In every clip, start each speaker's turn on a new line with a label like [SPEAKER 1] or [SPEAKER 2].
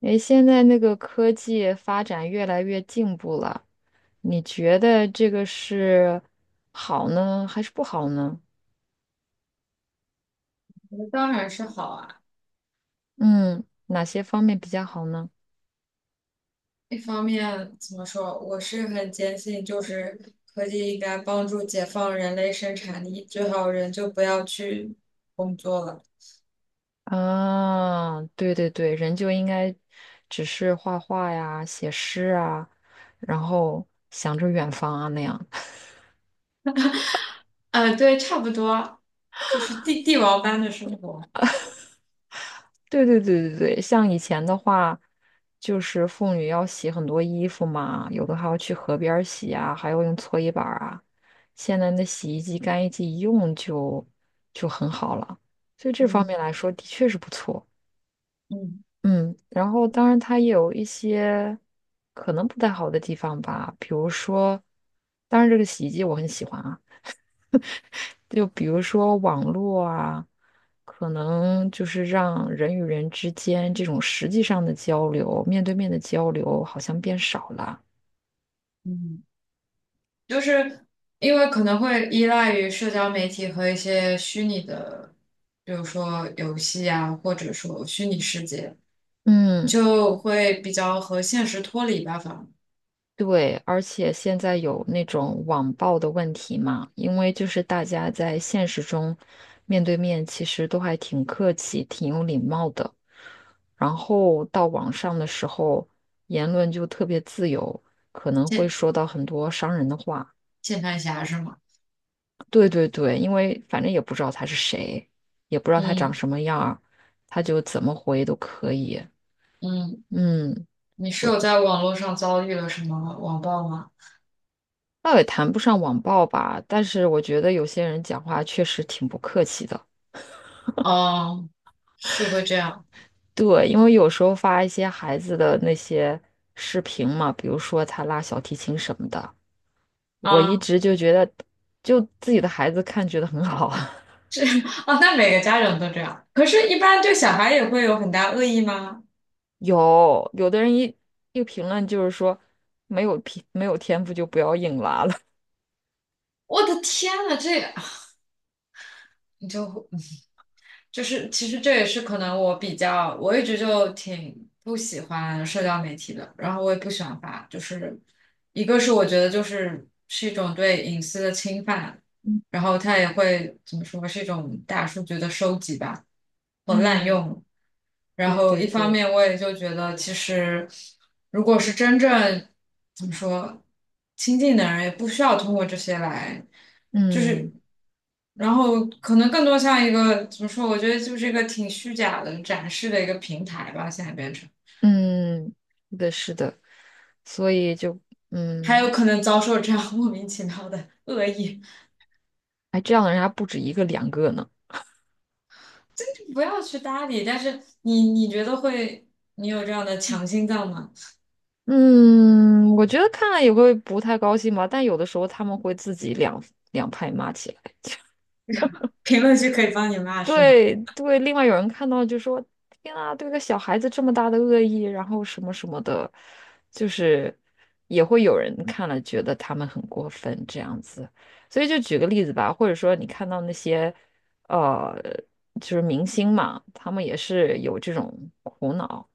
[SPEAKER 1] 诶，现在那个科技发展越来越进步了，你觉得这个是好呢，还是不好呢？
[SPEAKER 2] 当然是好啊。
[SPEAKER 1] 嗯，哪些方面比较好呢？
[SPEAKER 2] 一方面怎么说，我是很坚信，就是科技应该帮助解放人类生产力，最好人就不要去工作了。
[SPEAKER 1] 啊，对对对，人就应该只是画画呀、写诗啊，然后想着远方啊那样。
[SPEAKER 2] 对，差不多，就是帝王般的生活。
[SPEAKER 1] 对对对对对，像以前的话，就是妇女要洗很多衣服嘛，有的还要去河边儿洗啊，还要用搓衣板儿啊。现在那洗衣机、干衣机一用就很好了，所以这方
[SPEAKER 2] 嗯
[SPEAKER 1] 面来说的确是不错。
[SPEAKER 2] 嗯
[SPEAKER 1] 嗯，然后当然它也有一些可能不太好的地方吧，比如说，当然这个洗衣机我很喜欢啊。就比如说网络啊，可能就是让人与人之间这种实际上的交流，面对面的交流好像变少了。
[SPEAKER 2] 嗯。就是因为可能会依赖于社交媒体和一些虚拟的，比如说游戏啊，或者说虚拟世界，
[SPEAKER 1] 嗯，
[SPEAKER 2] 就会比较和现实脱离吧，反正
[SPEAKER 1] 对，而且现在有那种网暴的问题嘛，因为就是大家在现实中面对面其实都还挺客气、挺有礼貌的，然后到网上的时候，言论就特别自由，可能会
[SPEAKER 2] 键
[SPEAKER 1] 说到很多伤人的话。
[SPEAKER 2] 键盘侠是吗？
[SPEAKER 1] 对对对，因为反正也不知道他是谁，也不知道他长
[SPEAKER 2] 嗯
[SPEAKER 1] 什么样儿，他就怎么回都可以。
[SPEAKER 2] 嗯，
[SPEAKER 1] 嗯，
[SPEAKER 2] 你是
[SPEAKER 1] 我
[SPEAKER 2] 有在网络上遭遇了什么网暴吗？
[SPEAKER 1] 倒也谈不上网暴吧，但是我觉得有些人讲话确实挺不客气的。
[SPEAKER 2] 哦，是会这样
[SPEAKER 1] 对，因为有时候发一些孩子的那些视频嘛，比如说他拉小提琴什么的，我一
[SPEAKER 2] 啊。
[SPEAKER 1] 直就觉得，就自己的孩子看觉得很好。
[SPEAKER 2] 啊，那每个家长都这样，可是，一般对小孩也会有很大恶意吗？
[SPEAKER 1] 有的人一评论就是说，没有天赋就不要硬拉了。
[SPEAKER 2] 我的天呐，这 你就 会。就是其实这也是可能我比较，我一直就挺不喜欢社交媒体的，然后我也不喜欢发，就是一个是我觉得就是是一种对隐私的侵犯，然后它也会怎么说是一种大数据的收集吧和滥
[SPEAKER 1] 嗯，
[SPEAKER 2] 用，然
[SPEAKER 1] 对
[SPEAKER 2] 后
[SPEAKER 1] 对
[SPEAKER 2] 一方
[SPEAKER 1] 对，
[SPEAKER 2] 面我也就觉得其实如果是真正怎么说亲近的人，也不需要通过这些来。就是，
[SPEAKER 1] 嗯
[SPEAKER 2] 然后可能更多像一个怎么说？我觉得就是一个挺虚假的展示的一个平台吧，现在变成，
[SPEAKER 1] 嗯，是的，是的，所以就
[SPEAKER 2] 还有
[SPEAKER 1] 嗯，
[SPEAKER 2] 可能遭受这样 莫名其妙的恶意，
[SPEAKER 1] 哎，这样的人还不止一个两个呢。
[SPEAKER 2] 真的不要去搭理。但是你觉得会，你有这样的强心脏吗？
[SPEAKER 1] 嗯，我觉得看了也会不太高兴吧，但有的时候他们会自己两派骂起来。
[SPEAKER 2] 评论区可以帮你骂是吗？
[SPEAKER 1] 对对，另外有人看到就说：“天啊，对个小孩子这么大的恶意，然后什么什么的，就是也会有人看了觉得他们很过分这样子。”所以就举个例子吧，或者说你看到那些呃，就是明星嘛，他们也是有这种苦恼，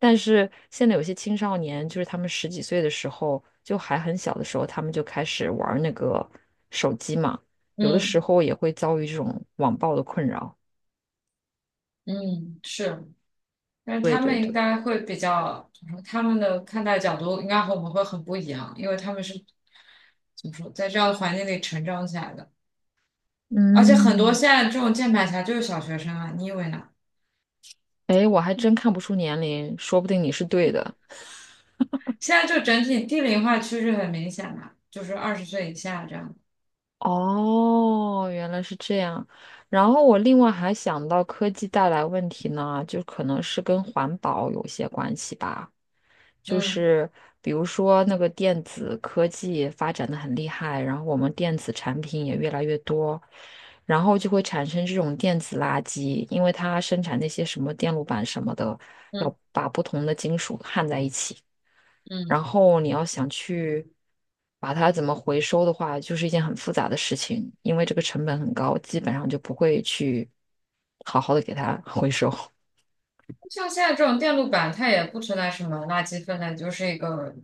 [SPEAKER 1] 但是现在有些青少年，就是他们十几岁的时候，就还很小的时候，他们就开始玩儿那个手机嘛。有的时
[SPEAKER 2] 嗯
[SPEAKER 1] 候也会遭遇这种网暴的困扰。
[SPEAKER 2] 嗯，是，但是
[SPEAKER 1] 对
[SPEAKER 2] 他们
[SPEAKER 1] 对
[SPEAKER 2] 应
[SPEAKER 1] 对，
[SPEAKER 2] 该会比较，怎么说他们的看待角度应该和我们会很不一样，因为他们是怎么说，在这样的环境里成长起来的。而且很多
[SPEAKER 1] 嗯，
[SPEAKER 2] 现在这种键盘侠就是小学生啊，你以为呢？
[SPEAKER 1] 哎，我还真看不出年龄，说不定你是对的。
[SPEAKER 2] 现在就整体低龄化趋势很明显嘛，就是20岁以下这样。
[SPEAKER 1] 哦，原来是这样。然后我另外还想到科技带来问题呢，就可能是跟环保有些关系吧。就
[SPEAKER 2] 嗯
[SPEAKER 1] 是比如说那个电子科技发展的很厉害，然后我们电子产品也越来越多，然后就会产生这种电子垃圾，因为它生产那些什么电路板什么的，
[SPEAKER 2] 嗯
[SPEAKER 1] 要把不同的金属焊在一起。然
[SPEAKER 2] 嗯。
[SPEAKER 1] 后你要想去把它怎么回收的话，就是一件很复杂的事情，因为这个成本很高，基本上就不会去好好的给它回收。
[SPEAKER 2] 像现在这种电路板，它也不存在什么垃圾分类，就是一个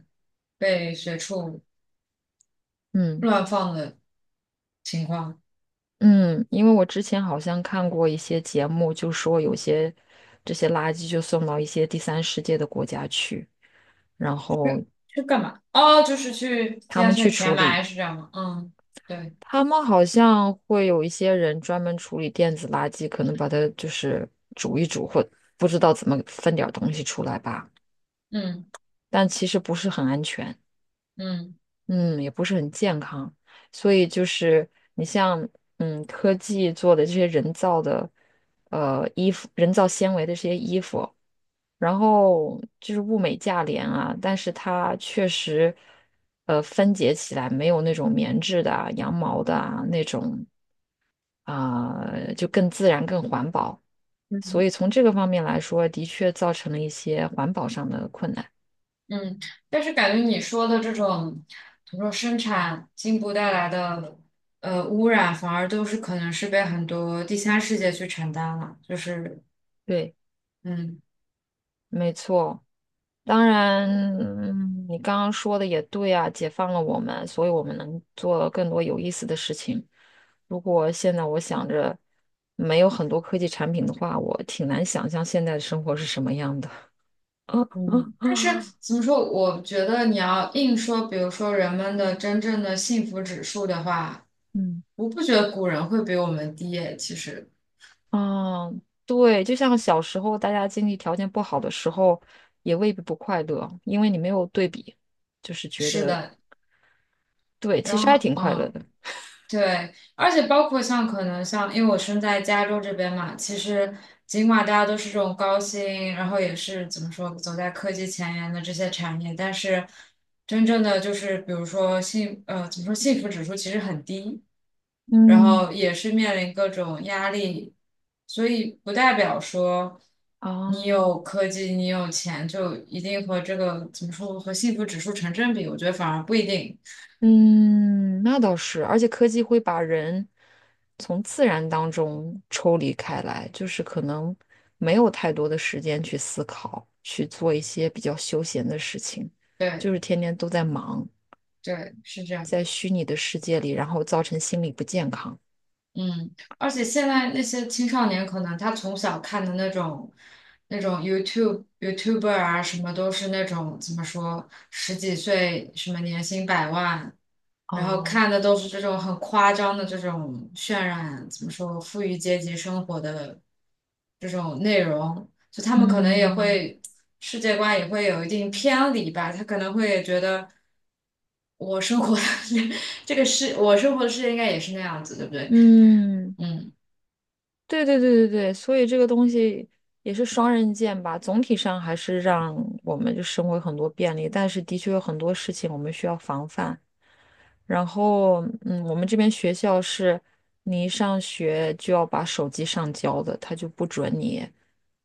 [SPEAKER 2] 被随处
[SPEAKER 1] 嗯
[SPEAKER 2] 乱放的情况。
[SPEAKER 1] 嗯，因为我之前好像看过一些节目，就说有些这些垃圾就送到一些第三世界的国家去，然
[SPEAKER 2] 去
[SPEAKER 1] 后
[SPEAKER 2] 去干嘛？哦，就是去
[SPEAKER 1] 他
[SPEAKER 2] 现在
[SPEAKER 1] 们去
[SPEAKER 2] 是
[SPEAKER 1] 处
[SPEAKER 2] 填埋
[SPEAKER 1] 理。
[SPEAKER 2] 是这样吗？嗯，对，
[SPEAKER 1] 他们好像会有一些人专门处理电子垃圾，可能把它就是煮一煮，或不知道怎么分点儿东西出来吧。
[SPEAKER 2] 嗯
[SPEAKER 1] 但其实不是很安全，
[SPEAKER 2] 嗯。
[SPEAKER 1] 嗯，也不是很健康。所以就是你像，嗯，科技做的这些人造的，衣服，人造纤维的这些衣服，然后就是物美价廉啊，但是它确实，分解起来没有那种棉质的啊、羊毛的啊那种啊，就更自然、更环保。所以从这个方面来说，的确造成了一些环保上的困难。
[SPEAKER 2] 嗯，但是感觉你说的这种，比如说生产进步带来的污染，反而都是可能是被很多第三世界去承担了，就是
[SPEAKER 1] 对，
[SPEAKER 2] 嗯。
[SPEAKER 1] 没错。当然，嗯你刚刚说的也对啊，解放了我们，所以我们能做更多有意思的事情。如果现在我想着没有很多科技产品的话，我挺难想象现在的生活是什么样的。
[SPEAKER 2] 嗯，但是 怎么说？我觉得你要硬说，比如说人们的真正的幸福指数的话，
[SPEAKER 1] 嗯，
[SPEAKER 2] 我不觉得古人会比我们低耶。其实
[SPEAKER 1] 啊，对，就像小时候大家经济条件不好的时候，也未必不快乐，因为你没有对比，就是觉
[SPEAKER 2] 是
[SPEAKER 1] 得
[SPEAKER 2] 的，
[SPEAKER 1] 对，其
[SPEAKER 2] 然
[SPEAKER 1] 实还
[SPEAKER 2] 后
[SPEAKER 1] 挺快乐
[SPEAKER 2] 嗯。
[SPEAKER 1] 的。
[SPEAKER 2] 对，而且包括像可能像，因为我身在加州这边嘛，其实尽管大家都是这种高薪，然后也是怎么说走在科技前沿的这些产业，但是真正的就是比如说怎么说幸福指数其实很低，然
[SPEAKER 1] 嗯，
[SPEAKER 2] 后也是面临各种压力，所以不代表说你
[SPEAKER 1] 啊。
[SPEAKER 2] 有科技你有钱就一定和这个怎么说和幸福指数成正比，我觉得反而不一定。
[SPEAKER 1] 嗯，那倒是，而且科技会把人从自然当中抽离开来，就是可能没有太多的时间去思考，去做一些比较休闲的事情，
[SPEAKER 2] 对
[SPEAKER 1] 就是天天都在忙，
[SPEAKER 2] 对，是这样。
[SPEAKER 1] 在虚拟的世界里，然后造成心理不健康。
[SPEAKER 2] 嗯，而且现在那些青少年可能他从小看的那种 YouTube、YouTuber 啊，什么都是那种怎么说，十几岁什么年薪百万，然后
[SPEAKER 1] 啊。
[SPEAKER 2] 看的都是这种很夸张的这种渲染，怎么说，富裕阶级生活的这种内容，就他们可能也
[SPEAKER 1] 嗯
[SPEAKER 2] 会世界观也会有一定偏离吧，他可能会觉得我生活的 这个世，我生活的世界应该也是那样子，对不对？
[SPEAKER 1] 嗯，
[SPEAKER 2] 嗯。
[SPEAKER 1] 对对对对对，所以这个东西也是双刃剑吧。总体上还是让我们就生活有很多便利，但是的确有很多事情我们需要防范。然后，嗯，我们这边学校是，你一上学就要把手机上交的，他就不准你，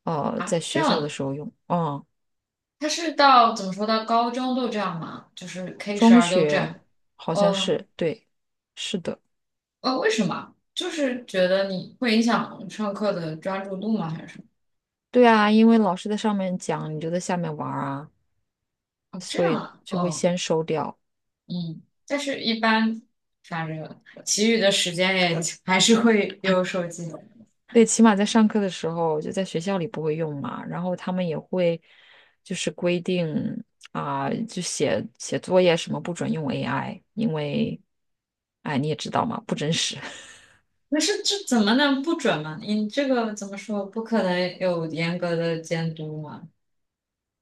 [SPEAKER 1] 在
[SPEAKER 2] 啊，这
[SPEAKER 1] 学
[SPEAKER 2] 样
[SPEAKER 1] 校的
[SPEAKER 2] 的，
[SPEAKER 1] 时候用。嗯，
[SPEAKER 2] 他是到怎么说到高中都这样吗？就是 K 十
[SPEAKER 1] 中
[SPEAKER 2] 二都这
[SPEAKER 1] 学
[SPEAKER 2] 样？
[SPEAKER 1] 好像
[SPEAKER 2] 哦。
[SPEAKER 1] 是，对，是的，
[SPEAKER 2] 哦，为什么？就是觉得你会影响上课的专注度吗？还是什么？
[SPEAKER 1] 对啊，因为老师在上面讲，你就在下面玩儿啊，
[SPEAKER 2] 哦，这
[SPEAKER 1] 所
[SPEAKER 2] 样
[SPEAKER 1] 以
[SPEAKER 2] 啊。
[SPEAKER 1] 就会
[SPEAKER 2] 哦，
[SPEAKER 1] 先收掉。
[SPEAKER 2] 嗯，但是一般，反正其余的时间也还是会有手机。
[SPEAKER 1] 对，起码在上课的时候，就在学校里不会用嘛，然后他们也会就是规定啊、就写作业什么不准用 AI，因为哎你也知道嘛，不真实。
[SPEAKER 2] 那是这怎么能不准嘛？你这个怎么说？不可能有严格的监督嘛？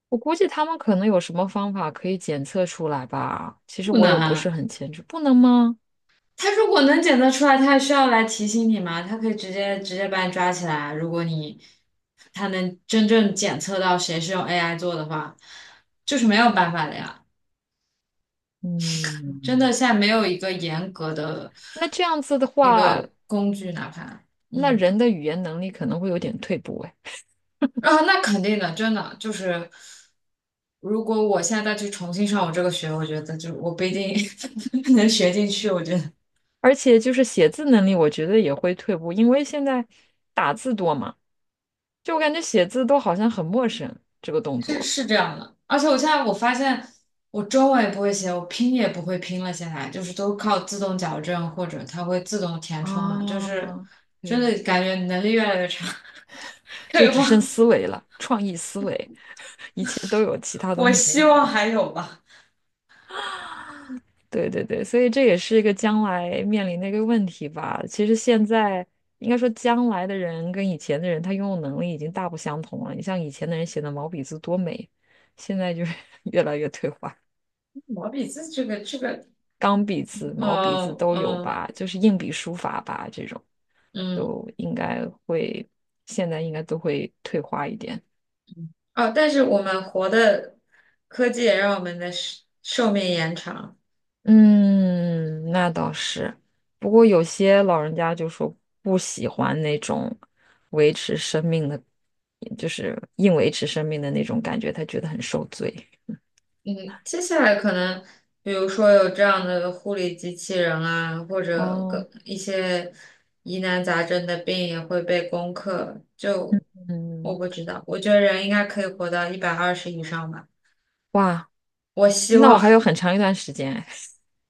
[SPEAKER 1] 我估计他们可能有什么方法可以检测出来吧，其实
[SPEAKER 2] 不
[SPEAKER 1] 我
[SPEAKER 2] 能
[SPEAKER 1] 也不是
[SPEAKER 2] 啊。
[SPEAKER 1] 很清楚，不能吗？
[SPEAKER 2] 他如果能检测出来，他还需要来提醒你吗？他可以直接把你抓起来。如果你他能真正检测到谁是用 AI 做的话，就是没有办法的呀。真
[SPEAKER 1] 嗯，
[SPEAKER 2] 的，现在没有一个严格的
[SPEAKER 1] 那这样子的
[SPEAKER 2] 一
[SPEAKER 1] 话，
[SPEAKER 2] 个工具，哪怕
[SPEAKER 1] 那人的语言能力可能会有点退步哎，
[SPEAKER 2] 啊，那肯定的，真的就是，如果我现在再去重新上我这个学，我觉得就我不一定 能学进去。我觉得，
[SPEAKER 1] 而且就是写字能力，我觉得也会退步，因为现在打字多嘛，就我感觉写字都好像很陌生这个动
[SPEAKER 2] 是
[SPEAKER 1] 作。
[SPEAKER 2] 是这样的，而且我现在我发现我中文也不会写，我拼也不会拼了，现在就是都靠自动矫正或者它会自动填充嘛，就是
[SPEAKER 1] 啊，
[SPEAKER 2] 真的
[SPEAKER 1] 对，
[SPEAKER 2] 感觉能力越来越差，
[SPEAKER 1] 就
[SPEAKER 2] 退
[SPEAKER 1] 只
[SPEAKER 2] 化。
[SPEAKER 1] 剩 思维了，创意思维，一切都有其他东
[SPEAKER 2] 我
[SPEAKER 1] 西给你
[SPEAKER 2] 希
[SPEAKER 1] 搞
[SPEAKER 2] 望
[SPEAKER 1] 定。
[SPEAKER 2] 还有吧，
[SPEAKER 1] 对对对，所以这也是一个将来面临的一个问题吧。其实现在应该说，将来的人跟以前的人，他拥有能力已经大不相同了。你像以前的人写的毛笔字多美，现在就是 越来越退化。
[SPEAKER 2] 毛笔字这个，
[SPEAKER 1] 钢笔字、毛笔字都有
[SPEAKER 2] 嗯
[SPEAKER 1] 吧，就是硬笔书法吧，这种
[SPEAKER 2] 嗯。
[SPEAKER 1] 都应该会，现在应该都会退化一点。
[SPEAKER 2] 哦，但是我们活的科技也让我们的寿命延长。
[SPEAKER 1] 嗯，那倒是。不过有些老人家就说不喜欢那种维持生命的，就是硬维持生命的那种感觉，他觉得很受罪。
[SPEAKER 2] 嗯，接下来可能，比如说有这样的护理机器人啊，或者
[SPEAKER 1] 哦，
[SPEAKER 2] 更一些疑难杂症的病也会被攻克。就我
[SPEAKER 1] 嗯，
[SPEAKER 2] 不知道，我觉得人应该可以活到120以上吧。
[SPEAKER 1] 哇，
[SPEAKER 2] 我希
[SPEAKER 1] 那我
[SPEAKER 2] 望
[SPEAKER 1] 还有很长一段时间哎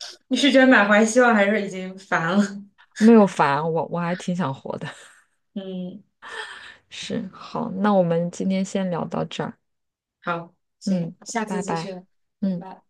[SPEAKER 2] 你是觉得满怀希望，还是已经烦了？
[SPEAKER 1] 没有烦，我还挺想活的。
[SPEAKER 2] 嗯，
[SPEAKER 1] 是，好，那我们今天先聊到这儿。
[SPEAKER 2] 好，行，
[SPEAKER 1] 嗯，
[SPEAKER 2] 下次
[SPEAKER 1] 拜
[SPEAKER 2] 继续，
[SPEAKER 1] 拜。
[SPEAKER 2] 拜
[SPEAKER 1] 嗯。
[SPEAKER 2] 拜。